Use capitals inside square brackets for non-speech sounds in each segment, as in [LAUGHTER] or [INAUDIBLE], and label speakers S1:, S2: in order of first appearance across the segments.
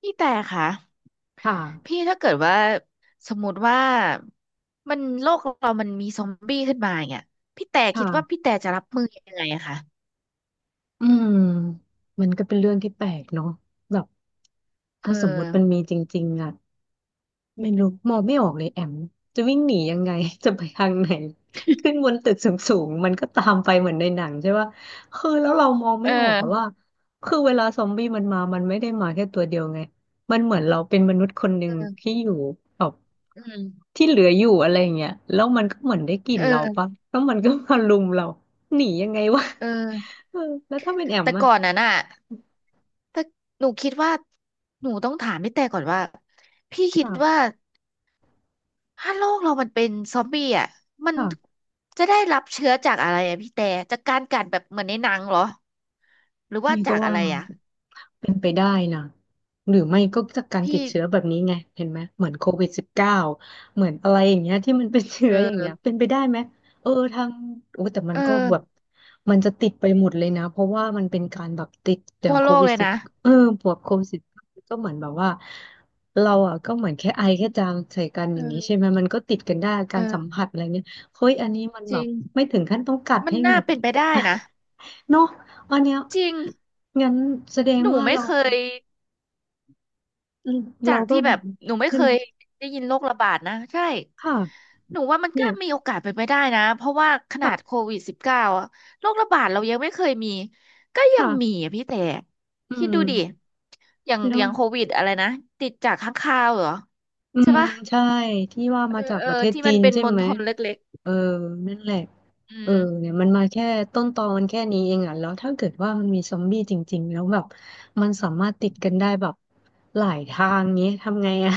S1: พี่แต่ค่ะ
S2: ค่ะ
S1: พี่ถ้าเกิดว่าสมมติว่ามันโลกเรามันมีซอมบี้ขึ้นมาเนี่ยพี่แต่คิดว่าพี่
S2: ค่ะ
S1: แต่จะรับมือยังไงอะคะ
S2: อืมมันก็เป็นเรื่องที่แปลกเนาะแบบ ถ้า
S1: เอ
S2: สมมุติมัน
S1: อ
S2: มีจริงๆอ่ะ ไม่รู้มองไม่ออกเลยแอมจะวิ่งหนียังไง [LAUGHS] จะไปทางไหนขึ้นบนตึกสูงๆมันก็ตามไปเหมือนในหนังใช่ป่ะคือแล้วเรามอง
S1: เอ
S2: ไม่ออกอะว่า
S1: อ
S2: คือเวลาซอมบี้มันมามันไม่ได้มาแค่ตัวเดียวไงมันเหมือนเราเป็นมนุษย์คนหนึ่ง
S1: เออ
S2: ที่อยู่แบบ
S1: อืม
S2: ที่เหลืออยู่อะไรอย่างเงี้ยแล้วมันก็เหมือนได้กลิ่น
S1: เอ
S2: เราปะ
S1: อ
S2: แล้วมันก็มารุมเราหนียังไงวะ
S1: เออ
S2: [LAUGHS] เออแล้วถ้าเป็นแอม
S1: แต่
S2: อะ
S1: ก่อนนั้นอ่ะถ้าหนูคิดว่าหนูต้องถามพี่แต่ก่อนว่าพี่คิดว่า
S2: ค่ะ
S1: ถ้าโลกเรามันเป็นซอมบี้อ่ะมัน
S2: ค่ะ
S1: จะได้รับเชื้อจากอะไรอ่ะพี่แต่จากการกัดแบบเหมือนในหนังเหรอหรือว่า
S2: พี่ก็
S1: จากอะ
S2: ว่า
S1: ไรอ่ะ
S2: เป็นไปได้นะหรือไม่ก็จากการติ
S1: พี่
S2: ดเชื้อแบบนี้ไงเห็นไหมเหมือนCOVID-19เหมือนอะไรอย่างเงี้ยที่มันเป็นเชื้
S1: เอ
S2: ออย่างเงี้ย
S1: อ
S2: เป็นไปได้ไหมเออทางโอ้แต่มัน
S1: เอ
S2: ก็แบบ
S1: อ
S2: มันจะติดไปหมดเลยนะเพราะว่ามันเป็นการแบบติดอย่า
S1: ทั่
S2: ง
S1: ว
S2: โค
S1: โลก
S2: วิด
S1: เลย
S2: สิบ
S1: นะ
S2: เออพวกโควิดสิบก็เหมือนแบบว่าเราอ่ะก็เหมือนแค่ไอแค่จามใส่กันอ
S1: เอ
S2: ย่างนี้ใช่
S1: อ
S2: ไหมมันก็ติดกันได้การสัม
S1: เออ
S2: ผัสอะไรเงี้ยเฮ้ยอันนี้มัน
S1: จ
S2: แบ
S1: ริ
S2: บ
S1: ง
S2: ไม่ถึงขั้นต้องกัด
S1: มัน
S2: ให้
S1: น่า
S2: แบบ
S1: เป็นไปได้นะ
S2: เนาะอันเนี้ย
S1: จริง
S2: งั้นแสดง
S1: หนู
S2: ว่า
S1: ไม่
S2: เรา
S1: เคยจา
S2: เรา
S1: ก
S2: ก็
S1: ที่
S2: แบ
S1: แบ
S2: บ
S1: บ หนูไม่
S2: ใช่
S1: เค
S2: ไหม
S1: ยได้ยินโรคระบาดนะใช่
S2: ค่ะ
S1: หนูว่ามัน
S2: เนี่
S1: ก็
S2: ย
S1: มีโอกาสเป็นไปได้นะ เพราะว่าขนาดโค
S2: ค่ะ
S1: วิดสิบเก้าอะโรคระบาดเรายังไม่เคยมี ก็ยังมี
S2: ค่ะ
S1: อะพี่แต่
S2: อื
S1: คิด
S2: ม
S1: ดูดิอย่าง
S2: แล้
S1: อ
S2: ว
S1: ย่างโควิดอะไรนะ ติดจากค้างคาวเหรอ
S2: อื
S1: ใช่
S2: ม
S1: ปะ
S2: ใช่ที่ว่า
S1: เอ
S2: มา
S1: อ
S2: จาก
S1: เอ
S2: ประ
S1: อ
S2: เทศ
S1: ที่
S2: จี
S1: มัน
S2: น
S1: เป็น
S2: ใช่
S1: มล
S2: ไหม
S1: พิษเล็ก
S2: เออนั่นแหละ
S1: ๆอื
S2: เออ
S1: ม
S2: เนี่ยมันมาแค่ต้นตอมันแค่นี้เองอ่ะแล้วถ้าเกิดว่ามันมีซอมบี้จริงๆแล้วแบบมันสามารถติดกันได้แบบหลายทางเนี้ยทำไงอ่ะ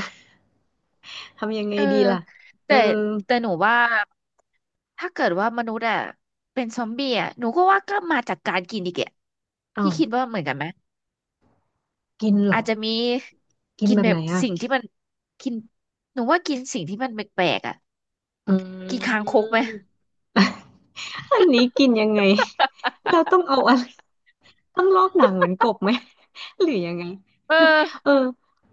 S2: [LAUGHS] ทำยังไง
S1: เออ
S2: ดีล่ะเออ
S1: แต่แต่หนูว่าถ้าเกิดว่ามนุษย์อะเป็นซอมบี้อะหนูก็ว่าก็มาจากการกินอีกแก
S2: อ้า
S1: พี่
S2: ว
S1: คิดว่าเหมือนกันไหม
S2: กินเหร
S1: อา
S2: อ
S1: จจะมี
S2: กิน
S1: กิน
S2: แบบ
S1: แบ
S2: ไหน
S1: บ
S2: อ่ะ
S1: สิ่งที่มันกินหนูว่ากินสิ่งที่มันแปลกๆอะ
S2: อื
S1: กินคางคกไหม
S2: มอันนี้กินยังไงเราต้องเอาอะไรต้องลอกหนังเหมือนกบไหม [LAUGHS] หรือยังไง
S1: [LAUGHS] เออ
S2: เออ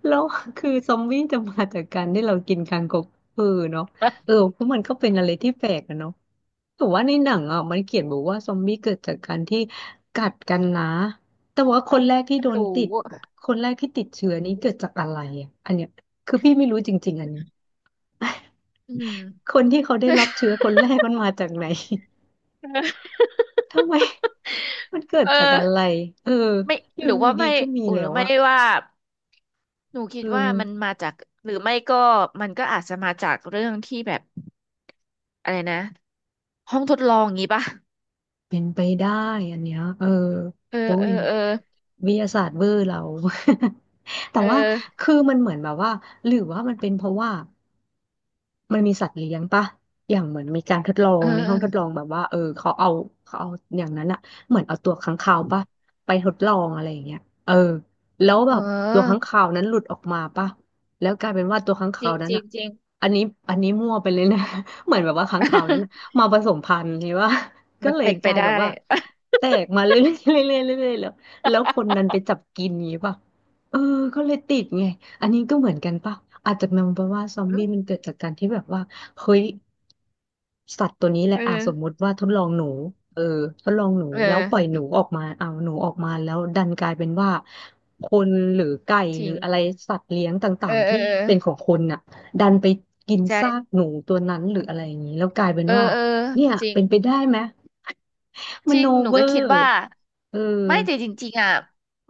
S2: แล้วคือซอมบี้จะมาจากการที่เรากินคางคกเออเนาะ
S1: ห
S2: เออเพราะมันก็เป็นอะไรที่แปลกอะเนาะแต่ว่าในหนังอ่ะมันเขียนบอกว่าซอมบี้เกิดจากการที่กัดกันนะ แต่ว่าคนแรกที่โดน
S1: รู้
S2: ติด คนแรกที่ติดเชื้อนี้เกิดจากอะไรอ่ะอันเนี้ยคือพี่ไม่รู้จริงๆอันนี้
S1: อืม
S2: [LAUGHS] คนที่เขาได้รับเชื้อคนแรกมันมาจากไหน ทำไม [LAUGHS] มันเกิด
S1: เอ
S2: จากอะ
S1: อ
S2: ไรเออ
S1: ไม่
S2: อ
S1: ห
S2: ยู่
S1: รือว่า
S2: ดี
S1: ไม่
S2: ๆก็มี
S1: ห
S2: แล้
S1: รือ
S2: ว
S1: ไม่
S2: อะ
S1: ว่า หนูคิ
S2: เอ
S1: ดว่ามัน
S2: อ
S1: มาจากหรือไม่ก็มันก็อาจจะมาจากเรื่องที่แบบอะไรนะห้องทดลองงี้ป่ะ
S2: เป็นไปได้อันเนี้ยเออ
S1: เออ
S2: โอ้
S1: เอ
S2: ย
S1: อเออ
S2: วิทยาศาสตร์เวอร์เรา [LAUGHS] แต่
S1: เออ
S2: ว่าคือมันเหมือนแบบว่าหรือว่ามันเป็นเพราะว่า มันมีสัตว์เลี้ยงปะอย่างเหมือนมีการทดลอ
S1: เอ
S2: ง
S1: อ
S2: ในห้
S1: เอ
S2: อ
S1: อ
S2: งทดลองแบบว่าเออเขาเอาเขาเอาอย่างนั้นอะเหมือนเอาตัวค้างคาวปะไปทดลองอะไรอย่างเงี้ยเออแล้ว
S1: เ
S2: แบบตัวค้าง
S1: ออ
S2: คาวนั้นหลุดออกมาปะแล้วกลายเป็นว่าตัวค้าง
S1: จ
S2: คา
S1: ริ
S2: ว
S1: ง
S2: นั้
S1: จ
S2: น
S1: ริง
S2: อะ
S1: จริง
S2: อันนี้อันนี้มั่วไปเลยนะ [LAUGHS] เหมือนแบบว่าค้างคาวนั้นอะ
S1: [LAUGHS]
S2: มาผสมพันธุ์ใช่ปะ [LAUGHS] ก็
S1: มัน
S2: เลย
S1: เป็น
S2: ก
S1: ไป
S2: ลาย
S1: ได้
S2: แบบว่า
S1: [LAUGHS]
S2: แตกมาเรื่อยๆเรื่อยๆเรื่อยๆแล้วแล้วคนนั้นไปจับกินอย่างงี้ปะ เออก็เลยติดไงอันนี้ก็เหมือนกันป่ะอาจจะมองไปว่าซอมบี้มันเกิดจากการที่แบบว่าเฮ้ยสัตว์ตัวนี้แหละ
S1: เออ
S2: อ่ะสมมุติว่าทดลองหนูเออทดลองหนู
S1: เออ
S2: แล้วปล่อยหนูออกมาเอาหนูออกมาแล้วดันกลายเป็นว่าคนหรือไก่
S1: จ
S2: ห
S1: ริ
S2: รือ
S1: ง
S2: อะไรสัตว์เลี้ยงต
S1: เอ
S2: ่า
S1: อ
S2: งๆ
S1: เออ
S2: ที่
S1: เออ
S2: เป็นของคนน่ะดันไปกินซาก
S1: ใช่
S2: หนูตัวนั้นหรืออะไรอย่างนี้แล้วกลายเป็น
S1: เออ
S2: ว่า
S1: เออ
S2: เนี่ย
S1: จริง
S2: เป็นไปได้ไหมม
S1: จริ
S2: โน
S1: ง หนู
S2: เวอ
S1: ก็คิด
S2: ร์
S1: ว่า
S2: เออ
S1: ไม่แต่จริงๆอ่ะ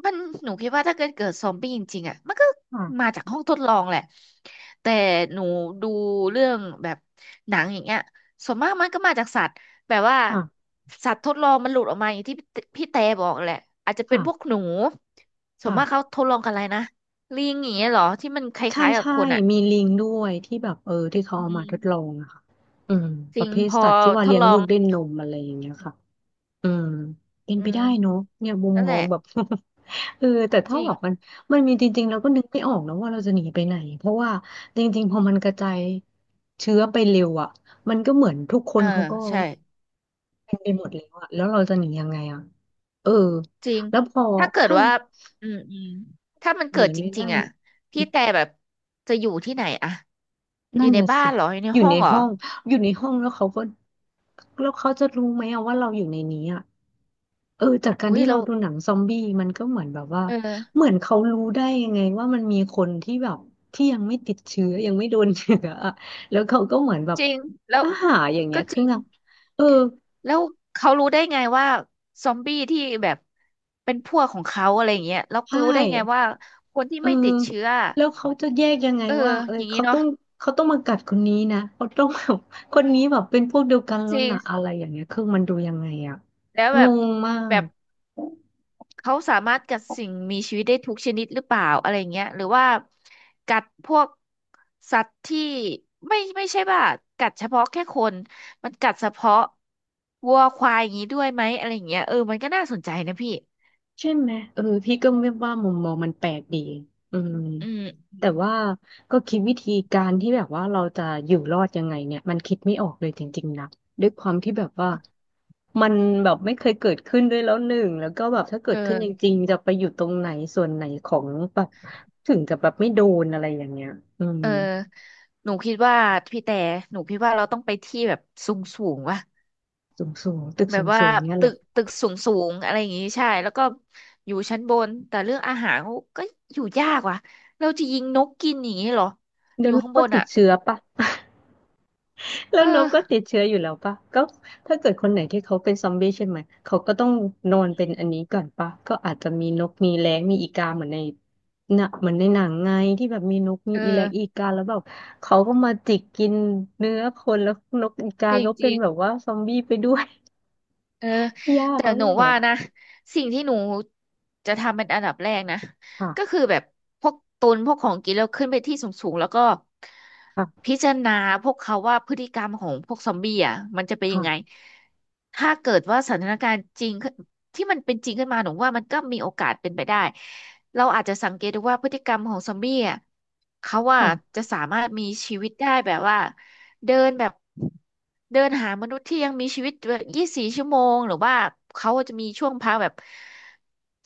S1: มัน หนูคิดว่าถ้าเกิดซอมบี้จริงๆอ่ะมันก็มา
S2: ค่ะ
S1: จากห้องทดลองแหละแต่หนูดูเรื่องแบบหนังอย่างเงี้ยส่วนมากมันก็มาจากสัตว์แบบว่า
S2: ค่ะ
S1: สัตว์ทดลองมันหลุดออกมาอย่างที่พี่แต่บอกแหละอาจจะเป็น
S2: ค่ะ
S1: พวกหนูส่วนมากเขา
S2: ค่ะ
S1: ทดลองกันอะไรนะลิงอย่างเงี้ยเหรอที่มันค
S2: ใช่
S1: ล้ายๆกับ
S2: ใช่
S1: คนอ่ะ
S2: มีลิงด้วยที่แบบเออที่เขา
S1: อื
S2: เอามา
S1: ม
S2: ทดลองอะค่ะอืม
S1: จ
S2: ป
S1: ริ
S2: ระ
S1: ง
S2: เภท
S1: พอ
S2: สัตว์ที่ว่า
S1: ท
S2: เลี้
S1: ด
S2: ยง
S1: ลอ
S2: ลู
S1: ง
S2: กด้วยนมอะไรอย่างเงี้ยค่ะอืมเป็น
S1: อื
S2: ไปได้
S1: ม
S2: เนาะเนี่ยมุม
S1: นั่น
S2: ม
S1: แห
S2: อ
S1: ละ
S2: งแบบ [LAUGHS] เออแต่
S1: จ
S2: ถ้า
S1: ริ
S2: แบ
S1: ง
S2: บมันมีจริงๆเราก็นึกไม่ออกนะว่าเราจะหนีไปไหนเพราะว่าจริงๆพอมันกระจายเชื้อไปเร็วอ่ะมันก็เหมือนทุกค
S1: เอ
S2: น
S1: อ
S2: เขาก็
S1: ใช่
S2: เป็นไปหมดแล้วอ่ะแล้วเราจะหนียังไงอ่ะเออ
S1: จริง
S2: แล้วพอ
S1: ถ้าเกิด
S2: ถ้า
S1: ว่าอืมอืมถ้ามัน
S2: ห
S1: เกิ
S2: นี
S1: ดจ
S2: ไม่
S1: ริ
S2: ได้
S1: งๆอ่ะพี่แต่แบบจะอยู่ที่ไหนอะ อยู่
S2: นั่น
S1: ใน
S2: น่ะ
S1: บ้าน
S2: สิ
S1: เหรอ อยู่ใน
S2: อยู่
S1: ห้อ
S2: ใน
S1: งเหรอ
S2: ห้องอยู่ในห้องแล้วเขาก็แล้วเขาจะรู้ไหมอะว่าเราอยู่ในนี้อะเออจากการ
S1: อุ้ย
S2: ที่เรา
S1: แล้ว
S2: ดูหนังซอมบี้มันก็เหมือนแบบว่า
S1: เออ
S2: เหมือนเขารู้ได้ยังไงว่ามันมีคนที่แบบที่ยังไม่ติดเชื้อยังไม่โดนเชื้ออะแล้วเขาก็เหมือนแบบ
S1: จริงแล้ว
S2: อาหารอย่างเงี้
S1: ก็
S2: ย
S1: จ
S2: คือ
S1: ริง
S2: นางเออ
S1: แล้วเขารู้ได้ไงว่าซอมบี้ที่แบบเป็นพวกของเขาอะไรอย่างเงี้ยแล้ว
S2: ใช่
S1: รู้ได้ไงว่าคนที่
S2: เออ
S1: ไม่ติดเชื้อ
S2: แล้วเขาจะแยกยังไง
S1: เออ
S2: ว่า
S1: อย่างนี้
S2: เขาต้
S1: เนาะ
S2: องมากัดคนนี้นะเขาต้องแบบคนนี้แบบเป็นพวกเดียวกันแล้
S1: จ
S2: ว
S1: ริง
S2: นะอะไรอย่างเงี้ยคือมันดูยังไงอะ
S1: แล้วแบ
S2: ง
S1: บ
S2: งมา
S1: แบ
S2: ก
S1: บ เขาสามารถกัดสิ่งมีชีวิตได้ทุกชนิดหรือเปล่าอะไรเงี้ยหรือว่ากัดพวกสัตว์ที่ไม่ไม่ใช่ว่ากัดเฉพาะแค่คนมันกัดเฉพาะวัวควายอย่างนี้ด้วยไหมอะไรเงี้ยเออมันก็น่าสนใจนะพี่
S2: ใช่ไหมพี่ก็ไม่ว่ามุมมองมันแปลกดีอืม
S1: อืม
S2: แต่ว่าก็คิดวิธีการที่แบบว่าเราจะอยู่รอดยังไงเนี่ยมันคิดไม่ออกเลยจริงๆนะด้วยความที่แบบว่ามันแบบไม่เคยเกิดขึ้นด้วยแล้วหนึ่งแล้วก็แบบถ้าเกิ
S1: เอ
S2: ดขึ้นจ
S1: อ
S2: ริงๆจะไปอยู่ตรงไหนส่วนไหนของแบบถึงจะแบบไม่โดนอะไรอย่างเงี้ยอืม
S1: เออหนูคิดว่าพี่แต่หนูคิดว่าเราต้องไปที่แบบสูงสูงวะ
S2: สูงๆตึก
S1: แบบว่า
S2: สูงๆเนี่ยหร
S1: ตึ
S2: อ
S1: กตึกสูงสูงอะไรอย่างงี้ใช่แล้วก็อยู่ชั้นบนแต่เรื่องอาหารเขาก็อยู่ยากว่ะเราจะยิงนกกินอย่างงี้เหรอ
S2: เดี๋
S1: อ
S2: ยว
S1: ยู่
S2: นั้น
S1: ข้างบ
S2: ก็
S1: น
S2: ติด
S1: อ่ะ
S2: เชื้อปะ แล้ว
S1: เอ
S2: นก
S1: อ
S2: ก็ติดเชื้ออยู่แล้วปะก็ถ้าเกิดคนไหนที่เขาเป็นซอมบี้ใช่ไหมเขาก็ต้องนอนเป็นอันนี้ก่อนปะก็อาจจะมีนกมีแร้งมีอีกาเหมือนในหนะเหมือนในหนังไงที่แบบมีนกมี
S1: เออ
S2: อีแร้งอีกาแล้วแบบเขาก็มาจิกกินเนื้อคนแล้วนกอีกา
S1: จร
S2: ก็เป็
S1: ิ
S2: น
S1: ง
S2: แบบ
S1: ๆ
S2: ว่าซอมบี้ไปด้วย
S1: เออ
S2: [LAUGHS] ยาก
S1: แต่
S2: แล้ว
S1: หนู
S2: แห
S1: ว่านะ
S2: ละ
S1: สิ่งที่หนูจะทำเป็นอันดับแรกนะก็
S2: ค่ะ
S1: คือแบบพวกตุนพวกของกินแล้วขึ้นไปที่สูงๆแล้วก็
S2: ค่ะ
S1: พิจารณาพวกเขาว่าพฤติกรรมของพวกซอมบี้อ่ะมันจะเป็นยั
S2: ค่ะ
S1: งไงถ้าเกิดว่าสถานการณ์จริงขึ้นที่มันเป็นจริงขึ้นมาหนูว่ามันก็มีโอกาสเป็นไปได้เราอาจจะสังเกตดูว่าพฤติกรรมของซอมบี้อ่ะเขาว่า
S2: ค่ะ
S1: จะสามารถมีชีวิตได้แบบว่า เดินแบบเดินหามนุษย์ที่ยังมีชีวิตแบบ24 ชั่วโมงหรือว่าเขาจะมีช่วงพักแบบ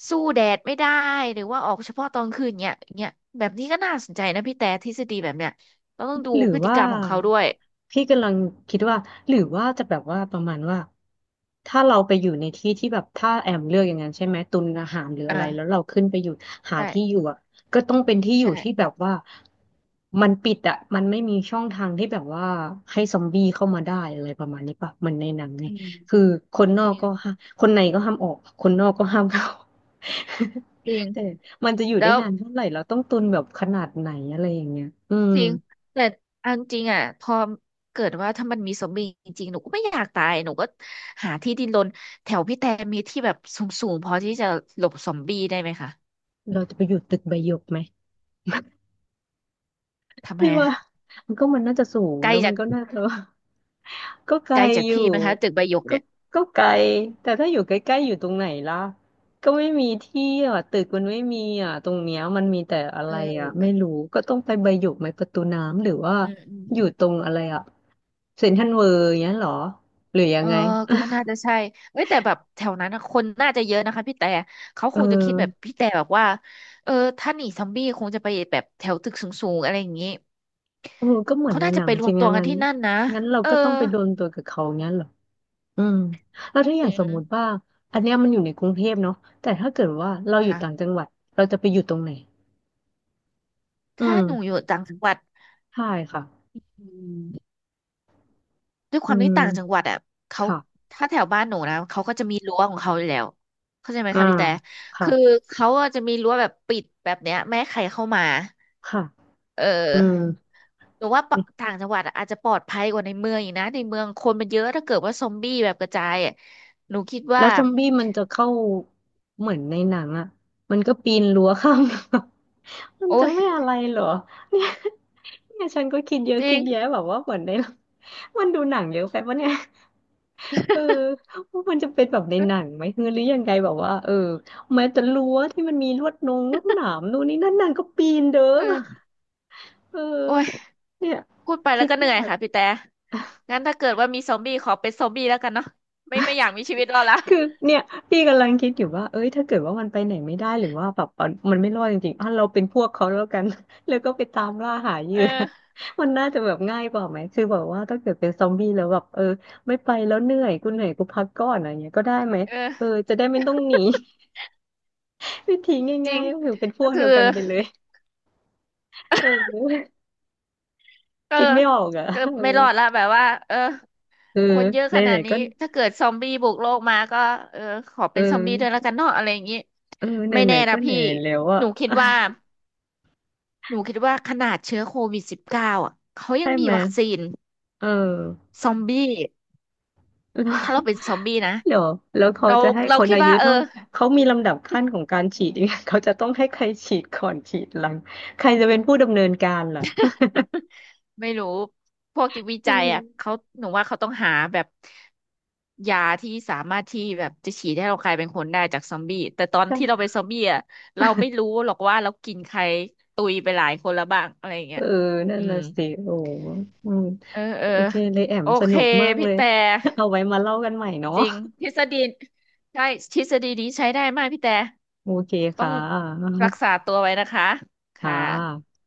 S1: สู้แดดไม่ได้หรือว่าออกเฉพาะตอนคืนเนี้ยเนี้ยแบบนี้ก็น่าสนใจนะพี่แต่ทฤษฎีแบบเนี้ยเราต้องดู
S2: หรือ
S1: พฤติ
S2: ว่า
S1: กรรมของเขาด้วย
S2: พี่กำลังคิดว่าหรือว่าจะแบบว่าประมาณว่าถ้าเราไปอยู่ในที่ที่แบบถ้าแอมเลือกอย่างนั้นใช่ไหมตุนอาหารหรืออะ
S1: อ่า
S2: ไรแล้วเราขึ้นไปอยู่หาที่อ
S1: ใช่
S2: ยู่อ่ะก็ต้องเป็นที่อยู่ที่แบ
S1: ใช่
S2: บว่ามันปิดอ่ะมันไม่มีช่องทางที่แบบว่าให้ซอมบี้เข้ามาได้อะไรประมาณนี้ป่ะเหมันในหนังไง
S1: อืม
S2: คือคนนอกก็ห้าคนในก็ห้ามออกคนนอกก็ห้ามเข้า
S1: จริง
S2: [LAUGHS] แต่มันจะอยู่ได้
S1: แล้ว
S2: นานเท่าไหร่เราต้องตุนแบบขนาดไหนอะไรอย่างเงี้ยอืม
S1: จริงแต่เอันจริงอ่ะพอเกิดว่าถ้ามันมีซอมบีจริงๆหนูก็ไม่อยากตายหนูก็หาที่ดินรนแถวพี่แต่มีที่แบบสูงๆพอที่จะหลบสมบีได้ไหมคะ
S2: เราจะไปอยู่ตึกใบหยกไหม
S1: ทำไม
S2: ไม่
S1: อะ
S2: ว่า [LAUGHS] มันก็มันน่าจะสูง
S1: ไกล
S2: แล้วมั
S1: จา
S2: น
S1: ก
S2: ก็น่าจะ [LAUGHS] ก็ไกล
S1: ไกลจาก
S2: อยู่
S1: พี่ไหมงคะตึกใบหยก
S2: ก็
S1: เนี่ย
S2: ไกลแต่ถ้าอยู่ใกล้ๆอยู่ตรงไหนล่ะก็ไม่มีที่อ่ะตึกมันไม่มีอ่ะตรงเนี้ยมันมีแต่อะ
S1: เอ
S2: ไรอ่ะไม่
S1: อ
S2: รู้ก็ต้องไปใบหยกไหมประตูน้ำหรือว่า
S1: อืมอืม
S2: อยู่ตรงอะไรอ่ะเซ็นทรัลเวิลด์อย่างเงี้ยเหรอหรือยั
S1: เอ
S2: ง
S1: อ
S2: ไง
S1: ก็น่าจะใช่เอ้ยแต่แบบแถวนั้นนะคนน่าจะเยอะนะคะพี่แต่เขา
S2: เอ
S1: คงจะคิดแบบ
S2: อ
S1: พี่แต่แบบว่าเออถ้าหนีซอมบี้คงจะไปแบบแถวตึกสูงๆอะไรอย่างนี้
S2: เออก็เหมือน
S1: เขา
S2: ใน
S1: น่า
S2: ห
S1: จะ
S2: นั
S1: ไป
S2: ง
S1: ร
S2: จ
S1: ว
S2: ริ
S1: ม
S2: ง
S1: ตัว
S2: งั้น
S1: กัน
S2: งั้น
S1: ที่นั่นนะ
S2: งั้นเรา
S1: เออ
S2: ก็ต้องไปโดนตัวกับเขางั้นเหรอ อืมแล้วถ้าอ
S1: จ
S2: ย่าง
S1: ริ
S2: ส
S1: ง
S2: มมุติว่าอันเนี้ยมันอยู่ในกรุงเทพเนาะแต่ถ้าเกิดว่าเราอยู่
S1: ค่ะ
S2: ต่างจังหวัดเราจะไปอยู่ตรงไหนอื
S1: ถ้า
S2: ม
S1: หนูอยู่ต่างจังหวัด
S2: ใช่ค่ะ
S1: อืม ด้วยค
S2: อื
S1: วามที่ต่างจังห
S2: ม
S1: วัดอ่ะเขา
S2: ค่ะ
S1: ถ้าแถวบ้านหนูนะเขาก็จะมีรั้วของเขาอยู่แล้วเข้าใจไหม
S2: อ่า
S1: คะพี่แต่
S2: ค่ะ
S1: คือเขาอะจะมีรั้วแบบปิดแบบเนี้ยไม่ให้ใครเข้ามา
S2: ค่ะ
S1: เอ
S2: อืม
S1: อหนูว่าปะต่างจังหวัดอะอาจจะปลอดภัยกว่าในเมืองอีกนะในเมืองคนมันเยอะถ้าเกิดว่าซอมบี้แบบกระจายอะหนูคิด
S2: แล้
S1: ว่า
S2: วซอมบี้มันจะเข้าเหมือนในหนังอ่ะมันก็ปีนรั้วข้าม [LAUGHS] รั้วมัน
S1: โอ้
S2: จะ
S1: ย
S2: ไม่อะไรเหรอเนี่ยเนี่ยฉันก็คิดเยอะ
S1: จริ
S2: คิดแยะ
S1: ง
S2: แบบว่าเหมือนใน [LAUGHS] มันดูหนังเยอะไปปะเนี่ย เออว่ามันจะเป็นแบบในหนังไหมคือหรือยังไงแบบว่าเออแม้แต่รั้วที่มันมีลวดนงลวดหนามนู่นนี่นั่นนางก็ปีนเด้อ
S1: เออ
S2: เออ
S1: โอ้ย
S2: เนี่ย
S1: พูดไปแล้
S2: คิ
S1: ว
S2: ด
S1: ก็เหนื่
S2: ยา
S1: อย
S2: ก
S1: ค่ะพี่แต่งั้นถ้าเกิดว่ามีซอมบี้ขอเป็นซอมบี้แล้วกันเนาะไม่ไม่อยากมีชีวิตรอดละ
S2: คือเนี่ยพี่กำลังคิดอยู่ว่าเอ้ยถ้าเกิดว่ามันไปไหนไม่ได้หรือว่าแบบมันไม่รอดจริงๆอ่ะเราเป็นพวกเขาแล้วกัน [LAUGHS] แล้วก็ไปตามล่าหาเหยื่
S1: เอ
S2: อ
S1: อ
S2: [LAUGHS] มันน่าจะแบบง่ายกว่าไหมคือแบบว่าถ้าเกิดเป็นซอมบี้แล้วแบบเออไม่ไปแล้วเหนื่อยกูเหนื่อยกูพักก่อนอะไรเงี้ยก็ได้ไหมเออ
S1: เออ
S2: จะได้ไม่ต้องหนี วิธี
S1: จริ
S2: ง่า
S1: ง
S2: ยๆก็คือเป็นพ
S1: ก็
S2: วก
S1: คื
S2: เดี
S1: อ
S2: ยวกันไปเลยเออ
S1: เออ
S2: คิดไม่ออกอ่ะ
S1: เก็
S2: เอ
S1: ไม่รอดละ
S2: อ
S1: แบบว่าเออ
S2: เออ
S1: คนเยอะ
S2: ไห
S1: ขนา
S2: น
S1: ด
S2: ๆ
S1: นี้
S2: ก็
S1: ถ้าเกิดซอมบี้บุกโลกมาก็เออขอ
S2: เอ
S1: เป็นซอมบี้ด้วยแล้ว
S2: อ
S1: กันเนาะอะไรอย่างนี้
S2: เออ
S1: ไม่
S2: ไหน
S1: แน่
S2: ๆก็
S1: นะ
S2: ไหน
S1: พี่
S2: ๆแล้ว
S1: ห
S2: อ่ะ
S1: นูคิดว่าหนูคิดว่าขนาดเชื้อโควิดสิบเก้าอ่ะเขายั
S2: ใช่
S1: งมี
S2: ไหม
S1: วัคซีน
S2: เออ
S1: ซอมบี้
S2: [LAUGHS] แล้ว
S1: ถ้าเราเป็นซอมบี้นะ
S2: เดี๋ยวแล้วเขา
S1: เรา
S2: จะให้
S1: เรา
S2: คน
S1: คิด
S2: อายุ
S1: ว่าเออ
S2: เท่าเขามีลำดับขั้นของการฉีดยังไงเขาจะต้องให้ใครฉีดก่อนฉีดหลังใครจะเป็นผู้ดำเนินการล่ะ
S1: ไม่รู้พวกที่วิ
S2: เอ
S1: จัยอ่ะ
S2: อ
S1: เขาหนูว่าเขาต้องหาแบบยาที่สามารถที่แบบจะฉีดให้เรากลายเป็นคนได้จากซอมบี้แต่ตอน
S2: ก็
S1: ที่เราเป็นซอมบี้อ่ะเราไม่รู้หรอกว่าเรากินใครตุยไปหลายคนแล้วบ้างอะไรอย่าง
S2: เอ
S1: เงี้
S2: อ
S1: ย
S2: นั่
S1: อื
S2: น
S1: ม
S2: น่ะสิโอ้อืม
S1: เออเออ
S2: โอเคเลยแอม
S1: โอ
S2: ส
S1: เค
S2: นุกมาก
S1: พี่
S2: เลย
S1: แต่
S2: [LAUGHS] เอาไว้มาเล่ากันใหม่เนาะ
S1: จริงทฤษฎีใช่ทฤษฎีนี้ใช้ได้มากพี่แต่
S2: โอเค
S1: ต้อง
S2: ค่ะ
S1: รักษาตัวไว้นะคะ
S2: ค่
S1: ค่ะ
S2: ะ